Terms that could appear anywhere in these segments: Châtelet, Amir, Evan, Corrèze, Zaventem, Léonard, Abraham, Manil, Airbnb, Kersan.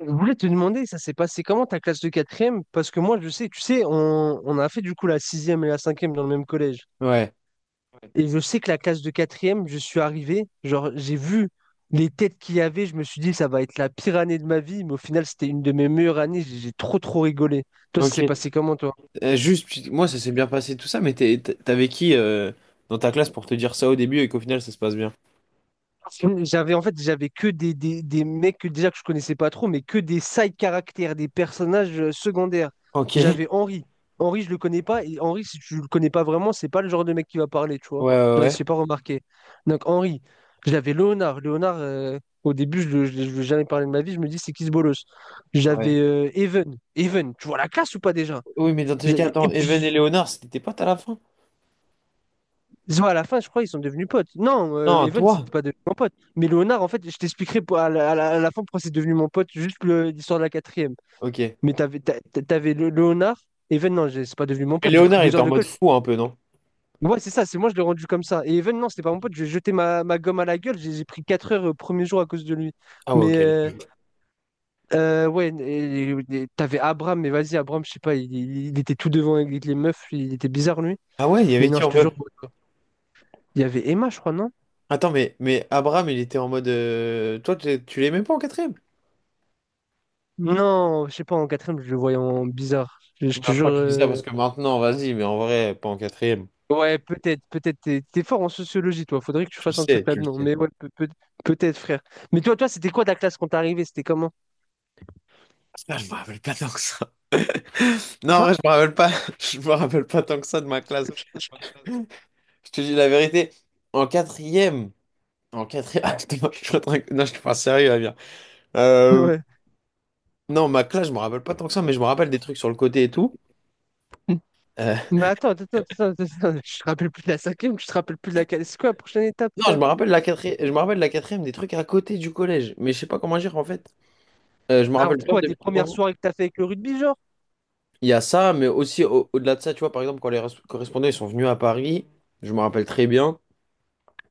Je voulais te demander, ça s'est passé comment ta classe de quatrième? Parce que moi, je sais, tu sais, on a fait du coup la sixième et la cinquième dans le même collège. Ouais, Et je sais que la classe de quatrième, je suis arrivé, genre, j'ai vu les têtes qu'il y avait, je me suis dit, ça va être la pire année de ma vie, mais au final, c'était une de mes meilleures années, j'ai trop, trop rigolé. Toi, ça s'est ok. passé comment, toi? Juste, moi, ça s'est bien passé tout ça, mais t'avais qui dans ta classe pour te dire ça au début et qu'au final, ça se passe bien? J'avais en fait j'avais que des mecs que, déjà que je connaissais pas trop, mais que des side caractères, des personnages secondaires. Ok. Ouais, J'avais Henri. Henri, je le connais pas. Et Henri, si tu le connais pas vraiment, c'est pas le genre de mec qui va parler, tu vois. ouais, Genre, il ouais. s'est pas remarqué. Donc Henri. J'avais Léonard. Léonard, au début, je ne je, je lui ai jamais parlé de ma vie. Je me dis, c'est qui ce bolos? J'avais Ouais. Even. Even, tu vois la classe ou pas déjà? Oui, mais dans tous les cas, Et attends, Evan et puis, Léonard, c'était tes potes à la fin? Zo, à la fin, je crois, ils sont devenus potes. Non, Non, Evan, c'était toi? pas devenu mon pote. Mais Léonard, en fait, je t'expliquerai à à la fin pourquoi c'est devenu mon pote, juste l'histoire de la quatrième. Ok. Et Mais t'avais Léonard, Evan, non, c'est pas devenu mon pote, j'ai pris Léonard, il deux était heures en de mode colle. fou un peu, non? Ouais, c'est ça, c'est moi, je l'ai rendu comme ça. Et Evan, non, c'était pas mon pote, j'ai jeté ma gomme à la gueule, j'ai pris quatre heures au premier jour à cause de lui. Ah ouais, Mais ok. Les euh, deux. Ouais, et t'avais Abraham, mais vas-y, Abraham, je sais pas, il était tout devant avec les meufs, il était bizarre, lui. Ah ouais, il y Mais avait non, qui je en te jure, mode. il y avait Emma, je crois, non? Attends, mais Abraham, il était en mode. Toi, tu l'aimais pas en quatrième? Non, je sais pas, en quatrième, je le voyais en bizarre. Je Non, te je jure. crois que tu dis ça parce que maintenant, vas-y, mais en vrai, pas en quatrième. Ouais, peut-être, peut-être. T'es fort en sociologie, toi. Faudrait que tu Tu le fasses un truc sais, tu le là-dedans. sais. Mais ouais, peut-être, frère. Mais toi, c'était quoi ta classe quand t'es arrivé? C'était comment? Ah, je me rappelle pas tant que ça. Non, Hein. en vrai, je me rappelle pas. Je me rappelle pas tant que ça de ma classe. Je te dis la vérité. En quatrième. En quatrième. Ah, putain, je suis en train de- Non, je suis pas sérieux, Amir. Euh, Ouais. non, ma classe, je me rappelle pas tant que ça, mais je me rappelle des trucs sur le côté et tout. Euh, Mais attends, je te rappelle plus de la cinquième, tu te rappelles plus de la quatrième. C'est quoi la prochaine étape, Non, je frère? me rappelle la quatrième. Je me rappelle la quatrième des trucs à côté du collège. Mais je sais pas comment dire en fait. Je me Alors rappelle plein quoi, de tes petits premières moments. soirées que t'as fait avec le rugby, genre? Il y a ça, mais aussi au- delà de ça, tu vois, par exemple, quand les correspondants ils sont venus à Paris, je me rappelle très bien.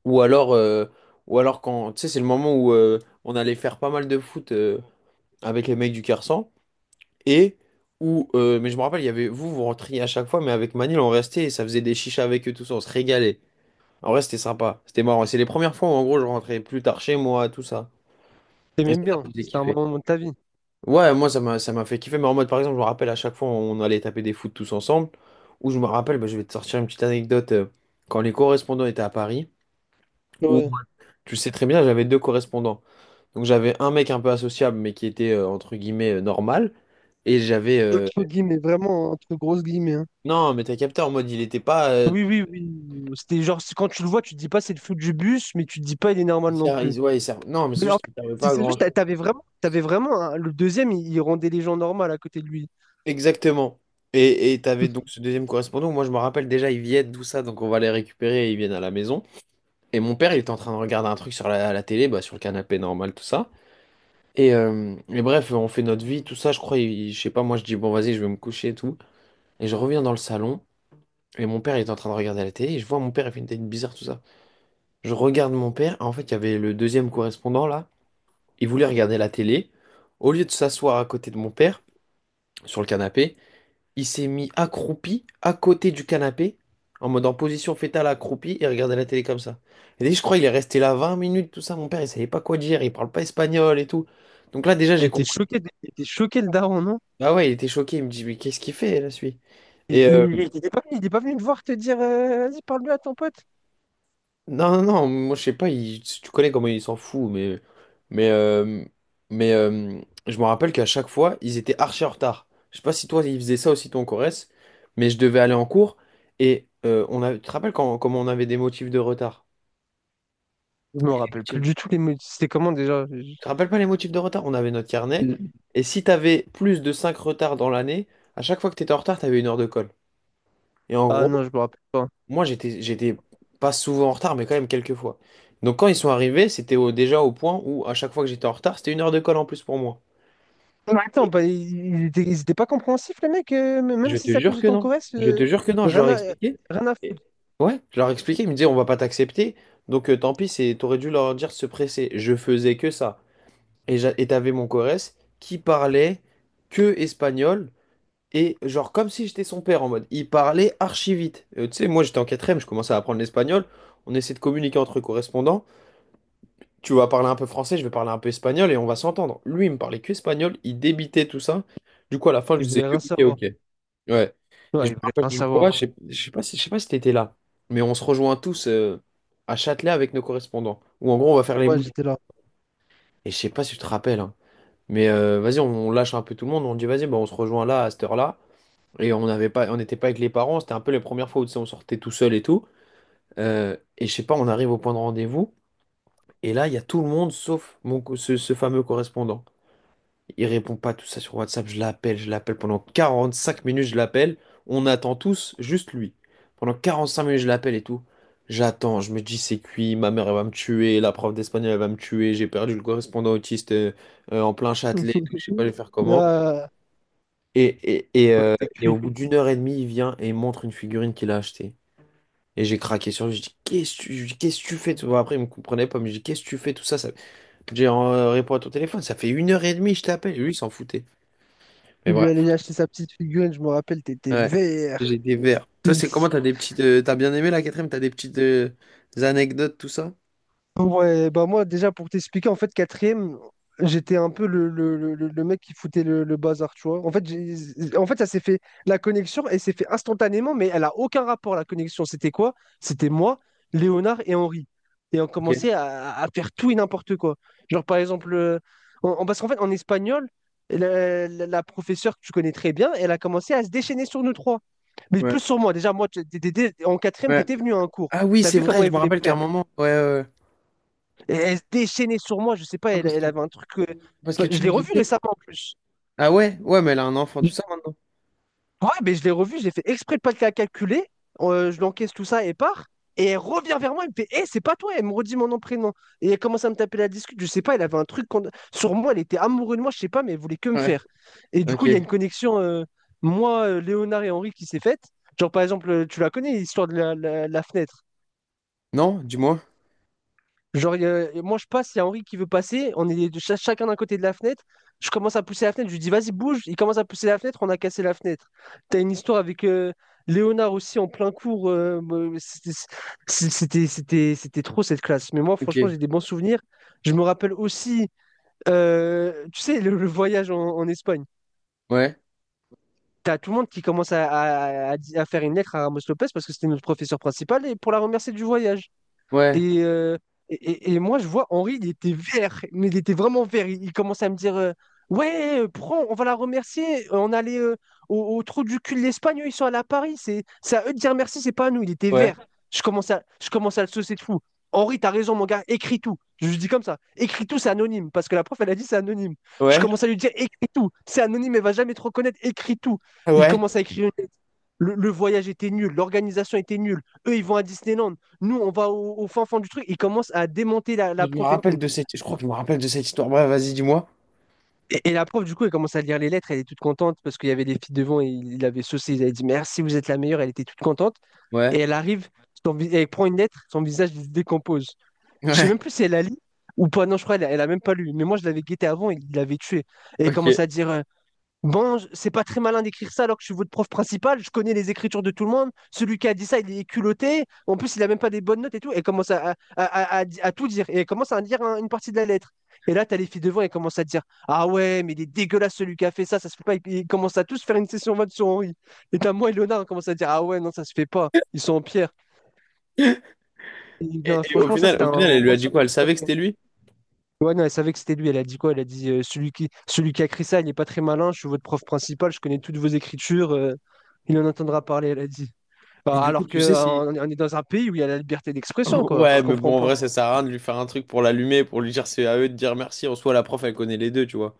Ou alors, euh, ou alors quand, tu sais, c'est le moment où on allait faire pas mal de foot avec les mecs du Kersan. Et où, mais je me rappelle, il y avait vous, vous rentriez à chaque fois, mais avec Manil, on restait et ça faisait des chichas avec eux, tout ça, on se régalait. En vrai, c'était sympa, c'était marrant. C'est les premières fois où, en gros, je rentrais plus tard chez moi, tout ça. Et T'aimais ça, ça bien, me faisait c'était un kiffer. moment de ta vie. Ouais, moi, ça m'a fait kiffer, mais en mode, par exemple, je me rappelle à chaque fois, on allait taper des foot tous ensemble. Où je me rappelle, bah, je vais te sortir une petite anecdote, quand les correspondants étaient à Paris. Ou- Ouais, Tu sais très bien, j'avais deux correspondants. Donc j'avais un mec un peu associable, mais qui était entre guillemets normal. Et j'avais. Entre guillemets, vraiment, entre grosses guillemets, hein. Non, mais t'as capté en mode, il était pas. Oui, oui, oui. C'était genre, quand tu le vois, tu te dis pas c'est le fou du bus, mais tu te dis pas il est normal Il non sert- plus. il- ouais, il sert- Non, mais c'est Mais en juste fait, qu'il servait c'est pas à c'est juste, grand-chose. T'avais vraiment, le deuxième, il rendait les gens normaux à côté de lui. Exactement. Et t'avais donc ce deuxième correspondant. Moi, je me rappelle déjà, ils viennent, tout ça, donc on va les récupérer et ils viennent à la maison. Et mon père, il était en train de regarder un truc sur la télé, bah, sur le canapé normal, tout ça. Et bref, on fait notre vie, tout ça. Je crois, je sais pas, moi, je dis, bon, vas-y, je vais me coucher et tout. Et je reviens dans le salon. Et mon père, il était en train de regarder la télé, et je vois mon père, il fait une tête bizarre, tout ça. Je regarde mon père, en fait, il y avait le deuxième correspondant, là, il voulait regarder la télé. Au lieu de s'asseoir à côté de mon père, sur le canapé, il s'est mis accroupi, à côté du canapé, en mode en position fétale accroupi, et regardait la télé comme ça. Et que je crois qu'il est resté là 20 minutes, tout ça, mon père, il savait pas quoi dire, il parle pas espagnol et tout. Donc là, déjà, j'ai Et t'es compris. choqué, et t'es choqué le daron, non? Ah ouais, il était choqué, il me dit, mais qu'est-ce qu'il fait, là, celui? Et euh, Il était pas il est pas venu te voir te dire vas-y, parle-lui à ton pote. Non, non, non, moi je sais pas, tu connais comment ils s'en foutent, mais, mais, euh, mais euh, je me rappelle qu'à chaque fois, ils étaient archi en retard. Je sais pas si toi, ils faisaient ça aussi, toi, en Corrèze, mais je devais aller en cours et tu te rappelles quand, comment on avait des motifs de retard? Je me Les rappelle plus motifs- du tout les mots. C'était comment déjà? Tu te rappelles pas les motifs de retard? On avait notre carnet je- et si t'avais plus de 5 retards dans l'année, à chaque fois que t'étais en retard, t'avais une heure de colle. Et en Ah gros, non, je me rappelle pas. moi, j'étais pas souvent en retard, mais quand même quelques fois. Donc, quand ils sont arrivés, c'était déjà au point où, à chaque fois que j'étais en retard, c'était une heure de colle en plus pour moi. Mais attends, Et bah, ils étaient, ils étaient pas compréhensifs, les mecs, je même si te c'est à cause jure de que ton non. Corrèze, Je te jure que non. Je rien leur ai à, expliqué. rien à Et- foutre. Ouais, je leur ai expliqué. Ils me disaient, on va pas t'accepter. Donc, tant pis, t'aurais dû leur dire de se presser. Je faisais que ça. Et t'avais mon Corrèze qui parlait que espagnol. Et genre, comme si j'étais son père en mode. Il parlait archi vite. Tu sais, moi, j'étais en quatrième, je commençais à apprendre l'espagnol. On essayait de communiquer entre correspondants. Tu vas parler un peu français, je vais parler un peu espagnol et on va s'entendre. Lui, il me parlait que espagnol, il débitait tout ça. Du coup, à la fin, je Ils disais voulaient que rien ok, savoir. ok. Ouais. Et Ouais, je ils me voulaient rappelle rien d'une savoir. fois, je sais pas si t'étais là, mais on se rejoint tous à Châtelet avec nos correspondants. Où en gros, on va faire les Ouais, bouches. j'étais là. Et je sais pas si tu te rappelles, hein, mais vas-y, on lâche un peu tout le monde. On dit vas-y, bah, on se rejoint là à cette heure-là. Et on n'était pas avec les parents. C'était un peu les premières fois où tu sais, on sortait tout seul et tout. Et je sais pas, on arrive au point de rendez-vous. Et là, il y a tout le monde sauf ce fameux correspondant. Il répond pas tout ça sur WhatsApp. Je l'appelle pendant 45 minutes, je l'appelle. On attend tous, juste lui. Pendant 45 minutes, je l'appelle et tout. J'attends, je me dis c'est cuit, ma mère elle va me tuer, la prof d'espagnol elle va me tuer, j'ai perdu le correspondant autiste en plein Châtelet, et tout, je sais pas je vais faire comment. Là, Et, et, et, euh, t'es et au cuit. bout d'une heure et demie, il vient et il montre une figurine qu'il a achetée. Et j'ai craqué sur lui, je dis, qu'est-ce que tu fais? Tout ça. Après, il me comprenait pas, mais je dis qu'est-ce que tu fais tout ça, ça. J'ai répondu à ton téléphone, ça fait une heure et demie, je t'appelle. Et lui, il s'en foutait. Mais Il lui bref. allait acheter sa petite figurine, je me rappelle, t'étais Ouais, vert. j'ai des verres. Toi, c'est comment? T'as des petites. T'as bien aimé la quatrième? T'as des petites des anecdotes, tout ça? Ouais, bah moi déjà pour t'expliquer, en fait quatrième, j'étais un peu le mec qui foutait le bazar, tu vois. En fait, en fait ça s'est fait, la connexion, elle s'est fait instantanément, mais elle a aucun rapport, la connexion. C'était quoi? C'était moi, Léonard et Henri. Et on Ok. commençait à faire tout et n'importe quoi. Genre par exemple, parce qu'en fait en espagnol, la professeure que tu connais très bien, elle a commencé à se déchaîner sur nous trois. Mais Ouais. plus sur moi, déjà moi, en quatrième, Ouais. t'étais venu à un cours. Ah oui, T'as c'est vu comment vrai, je elle me voulait rappelle me qu'à un faire? moment. Ouais, ouais. Ouais. Et elle se déchaînait sur moi, je sais pas, Ah, parce elle que, avait un truc. Parce que Bah, je tu me l'ai revu disais. récemment en plus. Ah ouais? Ouais, mais elle a un enfant, tout Je- ça maintenant. Ouais, mais je l'ai revu, j'ai fait exprès de pas la calculer. Je l'encaisse tout ça et part. Et elle revient vers moi, elle me fait Eh, c'est pas toi, elle me redit mon nom, prénom. Et elle commence à me taper la discute, je sais pas, elle avait un truc sur moi, elle était amoureuse de moi, je sais pas, mais elle voulait que me Ouais. faire. Et du coup, Ok. il y a une connexion, moi, Léonard et Henri, qui s'est faite. Genre, par exemple, tu la connais, l'histoire de la fenêtre. Non, dis-moi. Genre, moi, je passe, il y a Henri qui veut passer. On est de chacun d'un côté de la fenêtre. Je commence à pousser la fenêtre. Je lui dis, vas-y, bouge. Il commence à pousser la fenêtre. On a cassé la fenêtre. T'as une histoire avec Léonard aussi en plein cours. C'était c'est- c'était- c'était- c'était trop cette classe. Mais moi, franchement, Ok. j'ai des bons souvenirs. Je me rappelle aussi, tu sais, le voyage en Espagne. Ouais. T'as tout le monde qui commence à faire une lettre à Ramos Lopez parce que c'était notre professeur principal et pour la remercier du voyage. Ouais. Et, euh, et moi, je vois Henri, il était vert, mais il était vraiment vert. Il commençait à me dire ouais, prends, on va la remercier. On allait au, au trou du cul de l'Espagne, eux, ils sont allés à Paris. C'est à eux de dire merci, c'est pas à nous. Il était Ouais. vert. Je commence à le saucer de fou. Henri, t'as raison, mon gars, écris tout. Je lui dis comme ça écris tout, c'est anonyme, parce que la prof, elle a dit c'est anonyme. Je Ouais. commence à lui dire écris tout, c'est anonyme, elle va jamais te reconnaître, écris tout. Il Ouais. commence à écrire une lettre. Le voyage était nul, l'organisation était nulle. Eux, ils vont à Disneyland nous, on va au fin fond du truc. Il commence à démonter Je la me prof et rappelle tout. de cette. Je crois que je me rappelle de cette histoire. Bref, vas-y, dis-moi. Et la prof, du coup, elle commence à lire les lettres. Elle est toute contente parce qu'il y avait des filles devant et il avait saucé. Il avait dit merci, vous êtes la meilleure. Elle était toute contente. Ouais. Et elle arrive, elle prend une lettre, son visage se décompose. Je sais Ouais. même plus si elle la lit ou pas. Non, je crois qu'elle elle a même pas lu. Mais moi, je l'avais guetté avant, il l'avait tué. Et elle Ok. commence à Et, dire bon, c'est pas très malin d'écrire ça alors que je suis votre prof principal, je connais les écritures de tout le monde. Celui qui a dit ça, il est culotté. En plus, il a même pas des bonnes notes et tout. Et commence à tout dire. Et il commence à dire une partie de la lettre. Et là, t'as les filles devant et commencent à dire ah ouais, mais il est dégueulasse celui qui a fait ça, ça se fait pas. Ils commencent à tous faire une session 20 sur Henri. Et t'as moi et Léonard, on commence à dire ah ouais, non, ça se fait pas. Ils sont en pierre. Et non, et au franchement, ça, final, c'était au final, un elle lui bon a dit souvenir. quoi? Elle savait que c'était lui? Ouais, non, elle savait que c'était lui. Elle a dit quoi? Elle a dit celui qui a écrit ça, il n'est pas très malin. Je suis votre prof principal, je connais toutes vos écritures. Il en entendra parler, elle a dit. Et Bah, du coup, alors que tu sais si. on est dans un pays où il y a la liberté d'expression, quoi. Ouais, Je mais bon, comprends en pas. vrai, ça sert à rien de lui faire un truc pour l'allumer, pour lui dire c'est à eux de dire merci. En soi, la prof, elle connaît les deux, tu vois.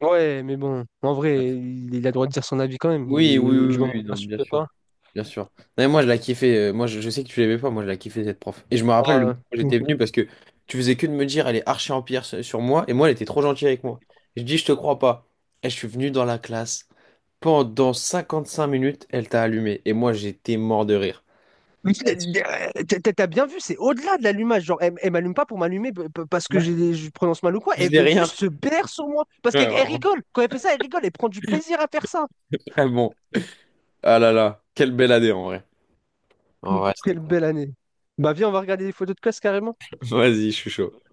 Ouais, mais bon, en vrai, il a le droit de dire son avis quand même. Oui, oui, oui, Du oui, moment où oui, il non, bien n'insulte sûr. pas. Bien sûr. Non, mais moi, je la kiffais. Moi, je sais que tu l'aimais pas. Moi, je la kiffais, cette prof. Et je me rappelle le moment Ah, où j'étais euh, venu parce que tu faisais que de me dire, elle est archi en pierre sur moi. Et moi, elle était trop gentille avec moi. Je dis, je te crois pas. Et je suis venu dans la classe. Pendant 55 minutes, elle t'a allumé. Et moi, j'étais mort de rire. mais t'as bien vu, c'est au-delà de l'allumage. Genre, elle m'allume pas pour m'allumer parce que Ouais. Je prononce mal ou quoi. Je Elle faisais veut rien. juste se baire sur moi. Parce Ouais, qu'elle elle vraiment. rigole. Quand elle fait ça, elle rigole. Elle prend du plaisir à faire ça. Ah bon. Ah là là. Quelle belle année, en vrai. En vrai, c'était quelle cool. belle année. Bah viens, on va regarder des photos de classe carrément. Vas-y, je suis chaud.